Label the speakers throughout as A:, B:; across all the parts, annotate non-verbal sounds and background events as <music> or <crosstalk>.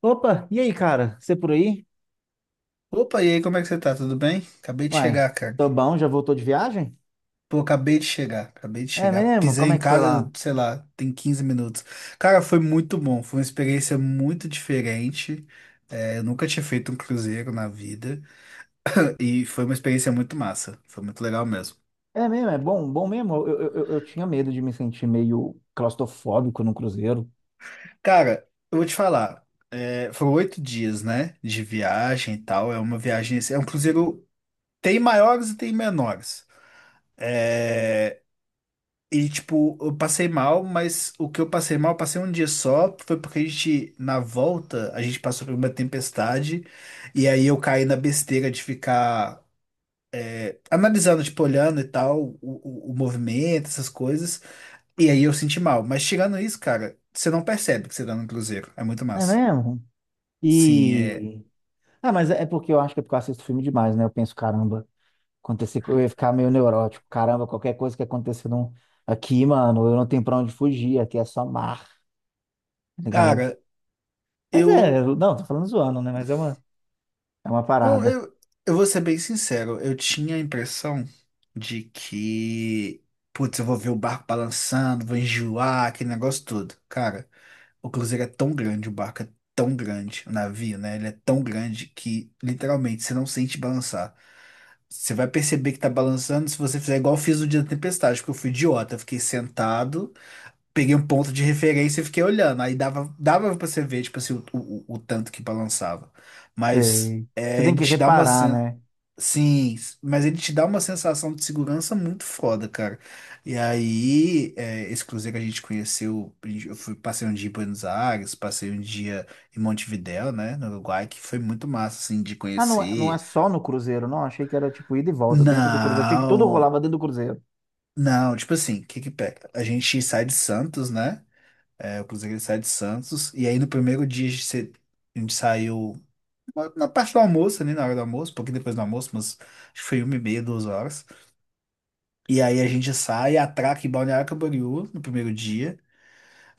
A: Opa, e aí, cara? Você por aí?
B: Opa, e aí, como é que você tá? Tudo bem? Acabei de
A: Uai,
B: chegar, cara.
A: tô bom, já voltou de viagem?
B: Pô, acabei de chegar, acabei de
A: É
B: chegar.
A: mesmo?
B: Pisei
A: Como
B: em
A: é que foi lá?
B: casa, sei lá, tem 15 minutos. Cara, foi muito bom, foi uma experiência muito diferente. Eu nunca tinha feito um cruzeiro na vida e foi uma experiência muito massa, foi muito legal mesmo.
A: É mesmo, é bom, bom mesmo. Eu tinha medo de me sentir meio claustrofóbico no cruzeiro.
B: Cara, eu vou te falar, foram 8 dias, né, de viagem e tal. É uma viagem, é um cruzeiro, tem maiores e tem menores. É, tipo, eu passei mal, mas o que eu passei mal, eu passei um dia só, foi porque a gente, na volta, a gente passou por uma tempestade, e aí eu caí na besteira de ficar analisando, tipo, olhando e tal, o movimento, essas coisas, e aí eu senti mal. Mas tirando isso, cara, você não percebe que você tá no cruzeiro, é muito
A: É
B: massa.
A: mesmo?
B: Sim, é.
A: E. Ah, mas é porque eu acho que é porque eu assisto filme demais, né? Eu penso, caramba, acontecer, eu ia ficar meio neurótico. Caramba, qualquer coisa que acontecer aqui, mano, eu não tenho pra onde fugir, aqui é só mar, tá ligado?
B: Cara,
A: Mas é,
B: eu.
A: não, tô falando zoando, né? Mas é uma
B: Não,
A: parada.
B: eu vou ser bem sincero, eu tinha a impressão de que, putz, eu vou ver o barco balançando, vou enjoar, aquele negócio todo. Cara, o cruzeiro é tão grande, o barco é tão grande, o navio, né? Ele é tão grande que, literalmente, você não sente balançar. Você vai perceber que tá balançando se você fizer igual eu fiz no dia da tempestade, porque eu fui idiota. Eu fiquei sentado, peguei um ponto de referência e fiquei olhando. Aí dava, dava pra você ver, tipo assim, o tanto que balançava. Mas
A: Sei. Você
B: é,
A: tem
B: ele
A: que
B: te dá uma
A: reparar,
B: sensação.
A: né?
B: Sim, mas ele te dá uma sensação de segurança muito foda, cara. E aí, esse cruzeiro que a gente conheceu, eu fui, passei um dia em Buenos Aires, passei um dia em Montevidéu, né, no Uruguai, que foi muito massa, assim, de
A: Ah, não, não é
B: conhecer.
A: só no Cruzeiro, não. Achei que era tipo ida e volta dentro do Cruzeiro. Achei que tudo
B: Não,
A: rolava dentro do Cruzeiro.
B: não, tipo assim, o que que pega? A gente sai de Santos, né, o cruzeiro ele sai de Santos, e aí no primeiro dia a gente, a gente saiu na parte do almoço, ali, na hora do almoço, um pouquinho depois do almoço, mas acho que foi 1h30, 2 horas. E aí a gente sai, atraca em Balneário Camboriú no primeiro dia.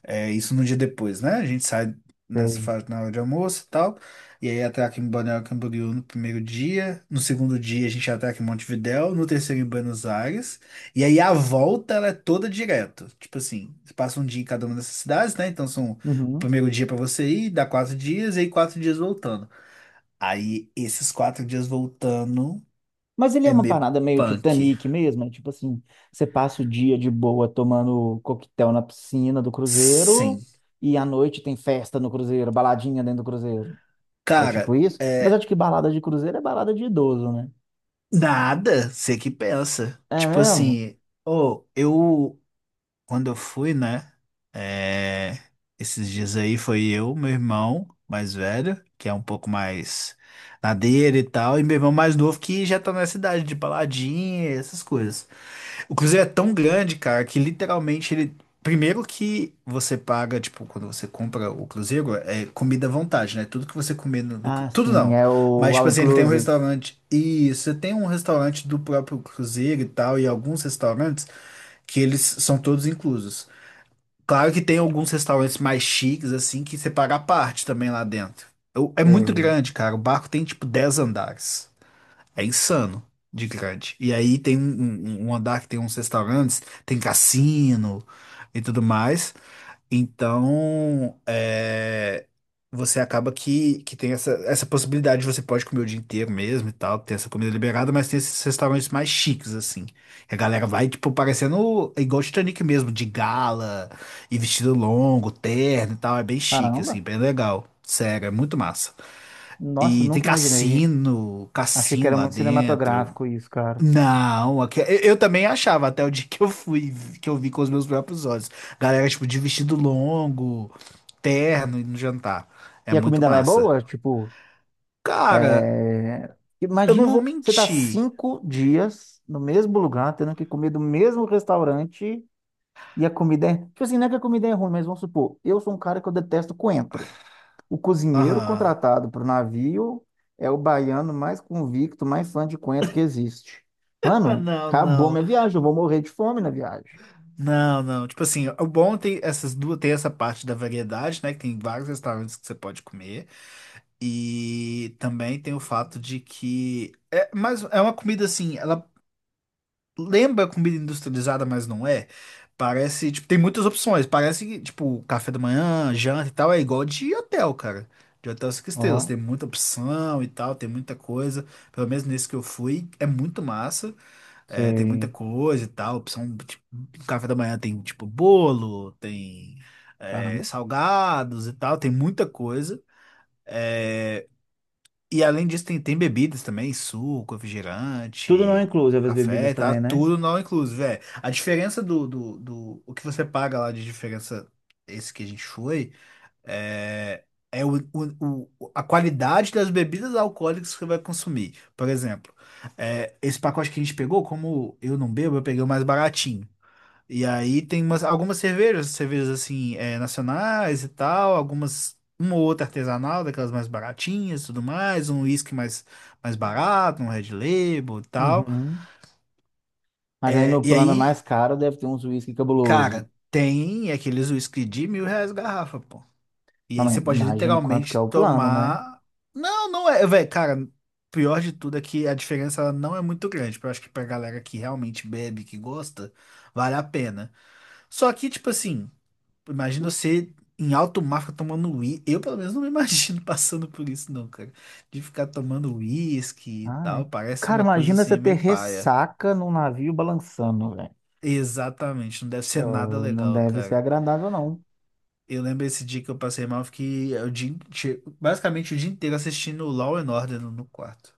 B: É isso no dia depois, né? A gente sai nessa
A: Tem.
B: fase na hora de almoço e tal. E aí atraca em Balneário Camboriú no primeiro dia. No segundo dia a gente atraca em Montevidéu. No terceiro em Buenos Aires. E aí a volta ela é toda direto. Tipo assim, você passa um dia em cada uma dessas cidades, né? Então são o
A: Uhum.
B: primeiro dia pra você ir, dá 4 dias, e aí 4 dias voltando. Aí esses 4 dias voltando
A: Mas ele é
B: é
A: uma
B: meio
A: parada meio
B: punk.
A: Titanic mesmo, é tipo assim, você passa o dia de boa tomando coquetel na piscina do cruzeiro
B: Sim.
A: e à noite tem festa no cruzeiro, baladinha dentro do cruzeiro. É tipo
B: Cara.
A: isso? Apesar de que balada de cruzeiro é balada de idoso, né?
B: Nada, você que pensa.
A: É
B: Tipo
A: mesmo?
B: assim, ô, eu, quando eu fui, né? é, esses dias aí foi eu, meu irmão mais velho, que é um pouco mais na dele e tal, e meu irmão mais novo que já tá nessa idade de baladinha, essas coisas. O cruzeiro é tão grande, cara, que literalmente ele. Primeiro que você paga, tipo, quando você compra o cruzeiro, é comida à vontade, né? Tudo que você comer no
A: Ah,
B: Tudo
A: sim,
B: não.
A: é o
B: Mas,
A: All
B: tipo assim, ele tem um
A: Inclusive.
B: restaurante. E você tem um restaurante do próprio cruzeiro e tal, e alguns restaurantes que eles são todos inclusos. Claro que tem alguns restaurantes mais chiques, assim, que você paga à parte também lá dentro. Eu- É muito
A: Sei.
B: grande, cara. O barco tem, tipo, 10 andares. É insano de grande. E aí tem um andar que tem uns restaurantes, tem cassino e tudo mais. Então, você acaba que tem essa, essa possibilidade, você pode comer o dia inteiro mesmo e tal, tem essa comida liberada, mas tem esses restaurantes mais chiques, assim. E a galera vai, tipo, parecendo igual Titanic mesmo, de gala e vestido longo, terno e tal. É bem chique, assim,
A: Caramba.
B: bem legal. Sério, é muito massa.
A: Nossa,
B: E tem
A: nunca imaginei.
B: cassino,
A: Achei que
B: cassino
A: era
B: lá
A: muito
B: dentro.
A: cinematográfico isso, cara.
B: Não, eu também achava até o dia que eu fui, que eu vi com os meus próprios olhos. Galera, tipo, de vestido longo, terno e no jantar. É
A: E a
B: muito
A: comida lá é
B: massa.
A: boa? Tipo,
B: Cara,
A: é,
B: eu não vou
A: imagina você tá
B: mentir.
A: 5 dias no mesmo lugar, tendo que comer do mesmo restaurante e a comida é. Tipo assim, não é que a comida é ruim, mas vamos supor, eu sou um cara que eu detesto coentro. O cozinheiro
B: Aham.
A: contratado para o navio é o baiano mais convicto, mais fã de coentro que existe.
B: Ah,
A: Mano,
B: não,
A: acabou
B: não,
A: minha viagem, eu vou morrer de fome na viagem.
B: não, não. Tipo assim, o bom tem essas duas, tem essa parte da variedade, né? Que tem vários restaurantes que você pode comer. E também tem o fato de que é, mas é uma comida assim, ela lembra comida industrializada, mas não é. Parece, tipo, tem muitas opções. Parece, que, tipo, café da manhã, janta e tal, é igual de hotel, cara. De hotel 5 estrelas,
A: Ó,
B: tem muita opção e tal, tem muita coisa. Pelo menos nesse que eu fui, é muito massa. Tem muita
A: sei.
B: coisa e tal. Opção, tipo, um café da manhã tem, tipo, bolo, tem,
A: Caramba.
B: salgados e tal, tem muita coisa. E além disso, tem, tem bebidas também, suco,
A: Tudo não
B: refrigerante,
A: incluso, as bebidas
B: café, tá?
A: também, né?
B: Tudo não inclusive, é. A diferença do O que você paga lá de diferença, esse que a gente foi, é... É a qualidade das bebidas alcoólicas que você vai consumir. Por exemplo, esse pacote que a gente pegou, como eu não bebo, eu peguei o mais baratinho. E aí tem umas, algumas cervejas, cervejas assim, nacionais e tal, algumas, uma ou outra artesanal, daquelas mais baratinhas e tudo mais, um whisky mais, mais barato, um Red Label e tal.
A: Uhum. Mas aí
B: É,
A: no
B: e
A: plano mais
B: aí,
A: caro deve ter uns uísque cabuloso.
B: cara, tem aqueles whisky de 1.000 reais garrafa, pô. E
A: Não,
B: aí
A: mas
B: você pode
A: imagina quanto que é
B: literalmente
A: o plano, né?
B: tomar. Não, não é, velho, cara. Pior de tudo é que a diferença ela não é muito grande. Eu acho que pra galera que realmente bebe, que gosta, vale a pena. Só que, tipo assim. Imagina você em alto mar ficar tomando uísque. Eu, pelo menos, não me imagino <laughs> passando por isso, não, cara. De ficar tomando uísque e
A: Ah,
B: tal.
A: é.
B: Parece
A: Cara,
B: uma coisa
A: imagina você
B: assim,
A: ter
B: meio paia.
A: ressaca num navio balançando, velho.
B: Exatamente, não deve ser nada
A: Não
B: legal,
A: deve ser
B: cara.
A: agradável, não.
B: Eu lembro esse dia que eu passei mal, eu fiquei o dia, basicamente o dia inteiro assistindo Law and Order no quarto.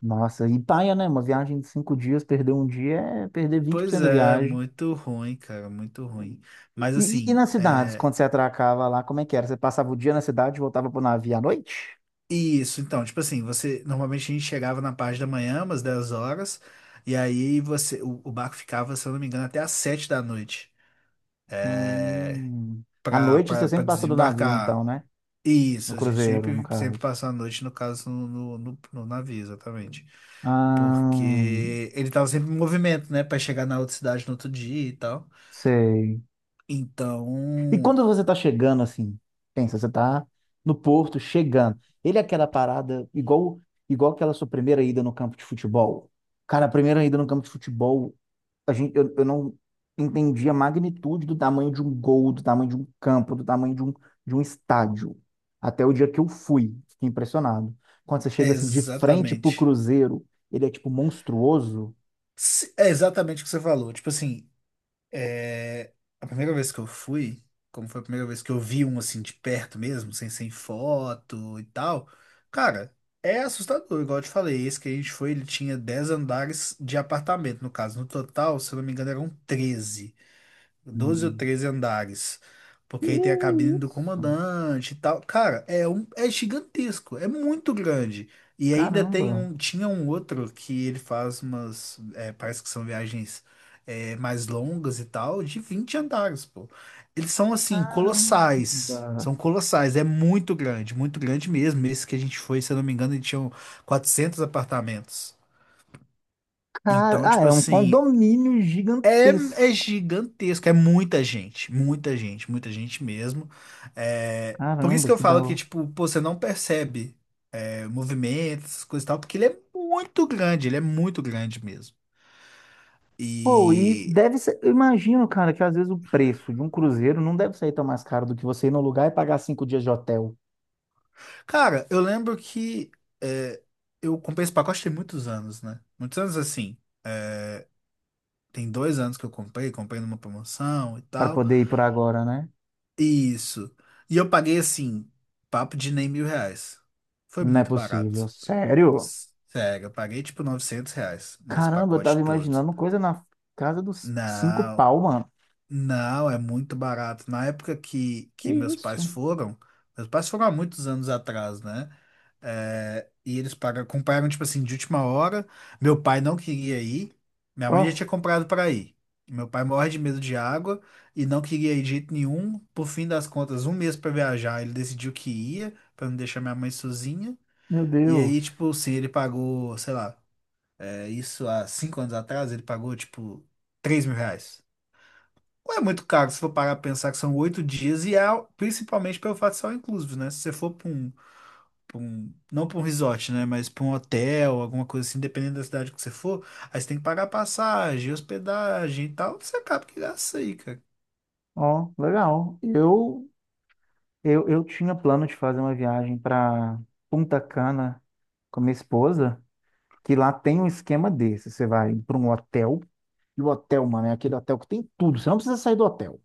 A: Nossa, e paia, né? Uma viagem de 5 dias, perder um dia é perder vinte por
B: Pois
A: cento da
B: é,
A: viagem.
B: muito ruim, cara, muito ruim. Mas
A: E
B: assim,
A: nas cidades,
B: é,
A: quando você atracava lá, como é que era? Você passava o dia na cidade e voltava pro navio à noite?
B: isso, então, tipo assim, você normalmente a gente chegava na parte da manhã, umas 10 horas, e aí você o barco ficava, se eu não me engano, até às 7 da noite. É,
A: Hum. À
B: pra,
A: noite
B: pra,
A: você
B: pra
A: sempre passou do navio,
B: desembarcar.
A: então, né? No
B: Isso, a gente
A: cruzeiro, no
B: sempre, sempre
A: caso.
B: passou a noite, no caso, no navio, exatamente.
A: Ah,
B: Porque ele tava sempre em movimento, né? Pra chegar na outra cidade no outro dia e tal.
A: sei.
B: Então,
A: E quando você tá chegando assim, pensa, você tá no Porto chegando. Ele é aquela parada igual aquela sua primeira ida no campo de futebol. Cara, a primeira ida no campo de futebol, a gente, eu não entendi a magnitude do tamanho de um gol, do tamanho de um campo, do tamanho de um estádio. Até o dia que eu fui, fiquei impressionado. Quando você
B: é
A: chega assim de frente pro
B: exatamente.
A: Cruzeiro, ele é tipo monstruoso.
B: É exatamente o que você falou. Tipo assim, É, a primeira vez que eu fui, como foi a primeira vez que eu vi um assim de perto mesmo, sem, sem foto e tal, cara, é assustador, igual eu te falei. Esse que a gente foi, ele tinha 10 andares de apartamento, no caso. No total, se eu não me engano, eram 13 doze ou
A: Hum.
B: treze andares.
A: Que
B: Porque aí tem a cabine do
A: isso?
B: comandante e tal. Cara, é um, é gigantesco, é muito grande. E ainda tem
A: Caramba.
B: um, tinha um outro que ele faz umas, parece que são viagens mais longas e tal, de 20 andares, pô. Eles são assim,
A: Caramba.
B: colossais. São colossais, é muito grande mesmo. Esse que a gente foi, se eu não me engano, ele tinha 400 apartamentos.
A: Cara,
B: Então,
A: ah,
B: tipo
A: é um
B: assim,
A: condomínio
B: é,
A: gigantesco.
B: é gigantesco, é muita gente, muita gente, muita gente mesmo. Por isso
A: Caramba,
B: que eu
A: que da
B: falo que,
A: hora.
B: tipo, pô, você não percebe movimentos, coisa e tal, porque ele é muito grande, ele é muito grande mesmo.
A: Pô, e
B: E,
A: deve ser. Eu imagino, cara, que às vezes o preço de um cruzeiro não deve sair tão mais caro do que você ir no lugar e pagar 5 dias de hotel
B: cara, eu lembro que é, eu comprei esse pacote tem muitos anos, né? Muitos anos assim. é, Tem 2 anos que eu comprei, comprei numa promoção e
A: para
B: tal.
A: poder ir por agora, né?
B: Isso. E eu paguei assim, papo de nem 1.000 reais. Foi
A: Não é
B: muito
A: possível.
B: barato.
A: Sério?
B: Sério, eu paguei tipo 900 reais nesse
A: Caramba, eu tava
B: pacote todo.
A: imaginando coisa na casa dos cinco
B: Não,
A: pau, mano.
B: não, é muito barato. Na época
A: Que
B: que
A: isso?
B: meus pais foram há muitos anos atrás, né? É, e eles pagaram, compraram, tipo assim, de última hora. Meu pai não queria ir, minha mãe já
A: Ó,
B: tinha comprado para ir. Meu pai morre de medo de água e não queria ir de jeito nenhum. Por fim das contas, um mês para viajar, ele decidiu que ia, para não deixar minha mãe sozinha.
A: meu
B: E
A: Deus.
B: aí, tipo, assim, ele pagou, sei lá. Isso há 5 anos atrás, ele pagou tipo 3.000 reais. Não é muito caro se for parar pra pensar que são 8 dias e é principalmente pelo fato de ser all inclusive, né? Se você for pra um, não pra um resort, né? Mas pra um hotel, alguma coisa assim, dependendo da cidade que você for, aí você tem que pagar passagem, hospedagem e tal. Você acaba que gasta isso aí, cara.
A: Ó, legal. Eu tinha plano de fazer uma viagem para Punta Cana com minha esposa. Que lá tem um esquema desse. Você vai para um hotel, e o hotel, mano, é aquele hotel que tem tudo. Você não precisa sair do hotel.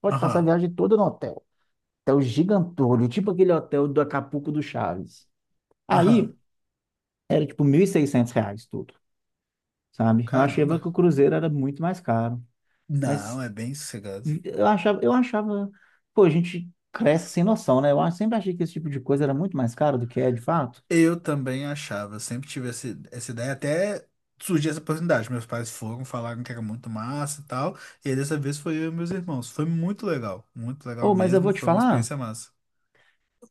A: Pode passar a
B: Aham,
A: viagem toda no hotel. Hotel gigantolho, tipo aquele hotel do Acapulco do Chaves.
B: aham.
A: Aí era tipo R$ 1.600 tudo, sabe? Eu achava
B: Caramba.
A: que o cruzeiro era muito mais caro.
B: Não,
A: Mas
B: é bem sossegado.
A: eu achava, pô, a gente cresce sem noção, né? Eu sempre achei que esse tipo de coisa era muito mais caro do que é de fato.
B: Eu também achava, eu sempre tive essa, essa ideia, até surgiu essa oportunidade. Meus pais foram, falaram que era muito massa e tal, e aí dessa vez foi eu e meus irmãos. Foi muito legal
A: Ô, mas eu vou
B: mesmo,
A: te
B: foi uma
A: falar.
B: experiência massa.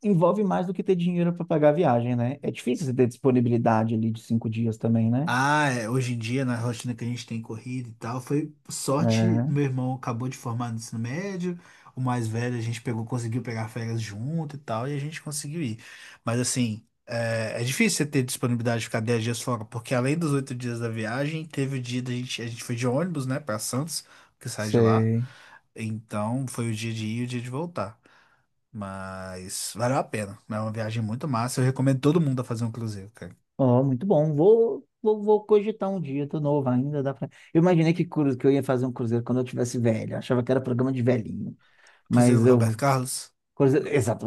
A: Envolve mais do que ter dinheiro para pagar a viagem, né? É difícil você ter disponibilidade ali de 5 dias também, né?
B: Ah, é, hoje em dia, na rotina que a gente tem corrida e tal, foi sorte.
A: É,
B: Meu irmão acabou de formar no ensino médio, o mais velho a gente pegou, conseguiu pegar férias junto e tal, e a gente conseguiu ir. Mas assim, é difícil você ter disponibilidade de ficar 10 dias fora, porque além dos 8 dias da viagem, teve o dia da gente, a gente foi de ônibus, né, pra Santos, que sai de lá.
A: sei.
B: Então foi o dia de ir e o dia de voltar. Mas valeu a pena. É uma viagem muito massa. Eu recomendo todo mundo a fazer um cruzeiro, cara.
A: Ó, muito bom. Vou cogitar um dia, tô novo ainda, dá pra... Eu imaginei que, que eu ia fazer um cruzeiro quando eu tivesse velho. Eu achava que era programa de velhinho.
B: Cruzeiro
A: Mas
B: do
A: eu...
B: Roberto Carlos.
A: Cruzeiro... Exato.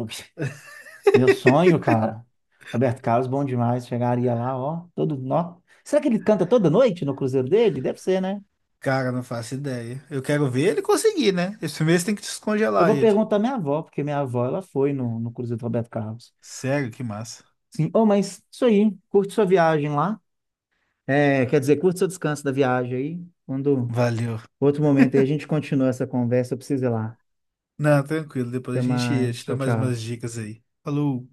A: Meu sonho, cara. Roberto Carlos, bom demais. Chegaria lá, ó, todo... Nó. Será que ele canta toda noite no cruzeiro dele? Deve ser, né?
B: Cara, não faço ideia. Eu quero ver ele conseguir, né? Esse mês tem que
A: Eu
B: descongelar
A: vou
B: ele.
A: perguntar à minha avó, porque minha avó, ela foi no cruzeiro do Roberto Carlos.
B: Sério, que massa.
A: Sim. Oh, mas isso aí, curte sua viagem lá. É, quer dizer, curte seu descanso da viagem aí. Quando
B: Valeu.
A: outro momento aí a gente continua essa conversa, eu preciso ir lá.
B: Não, tranquilo. Depois a
A: Até
B: gente
A: mais.
B: te
A: Tchau,
B: dá mais umas
A: tchau.
B: dicas aí. Falou.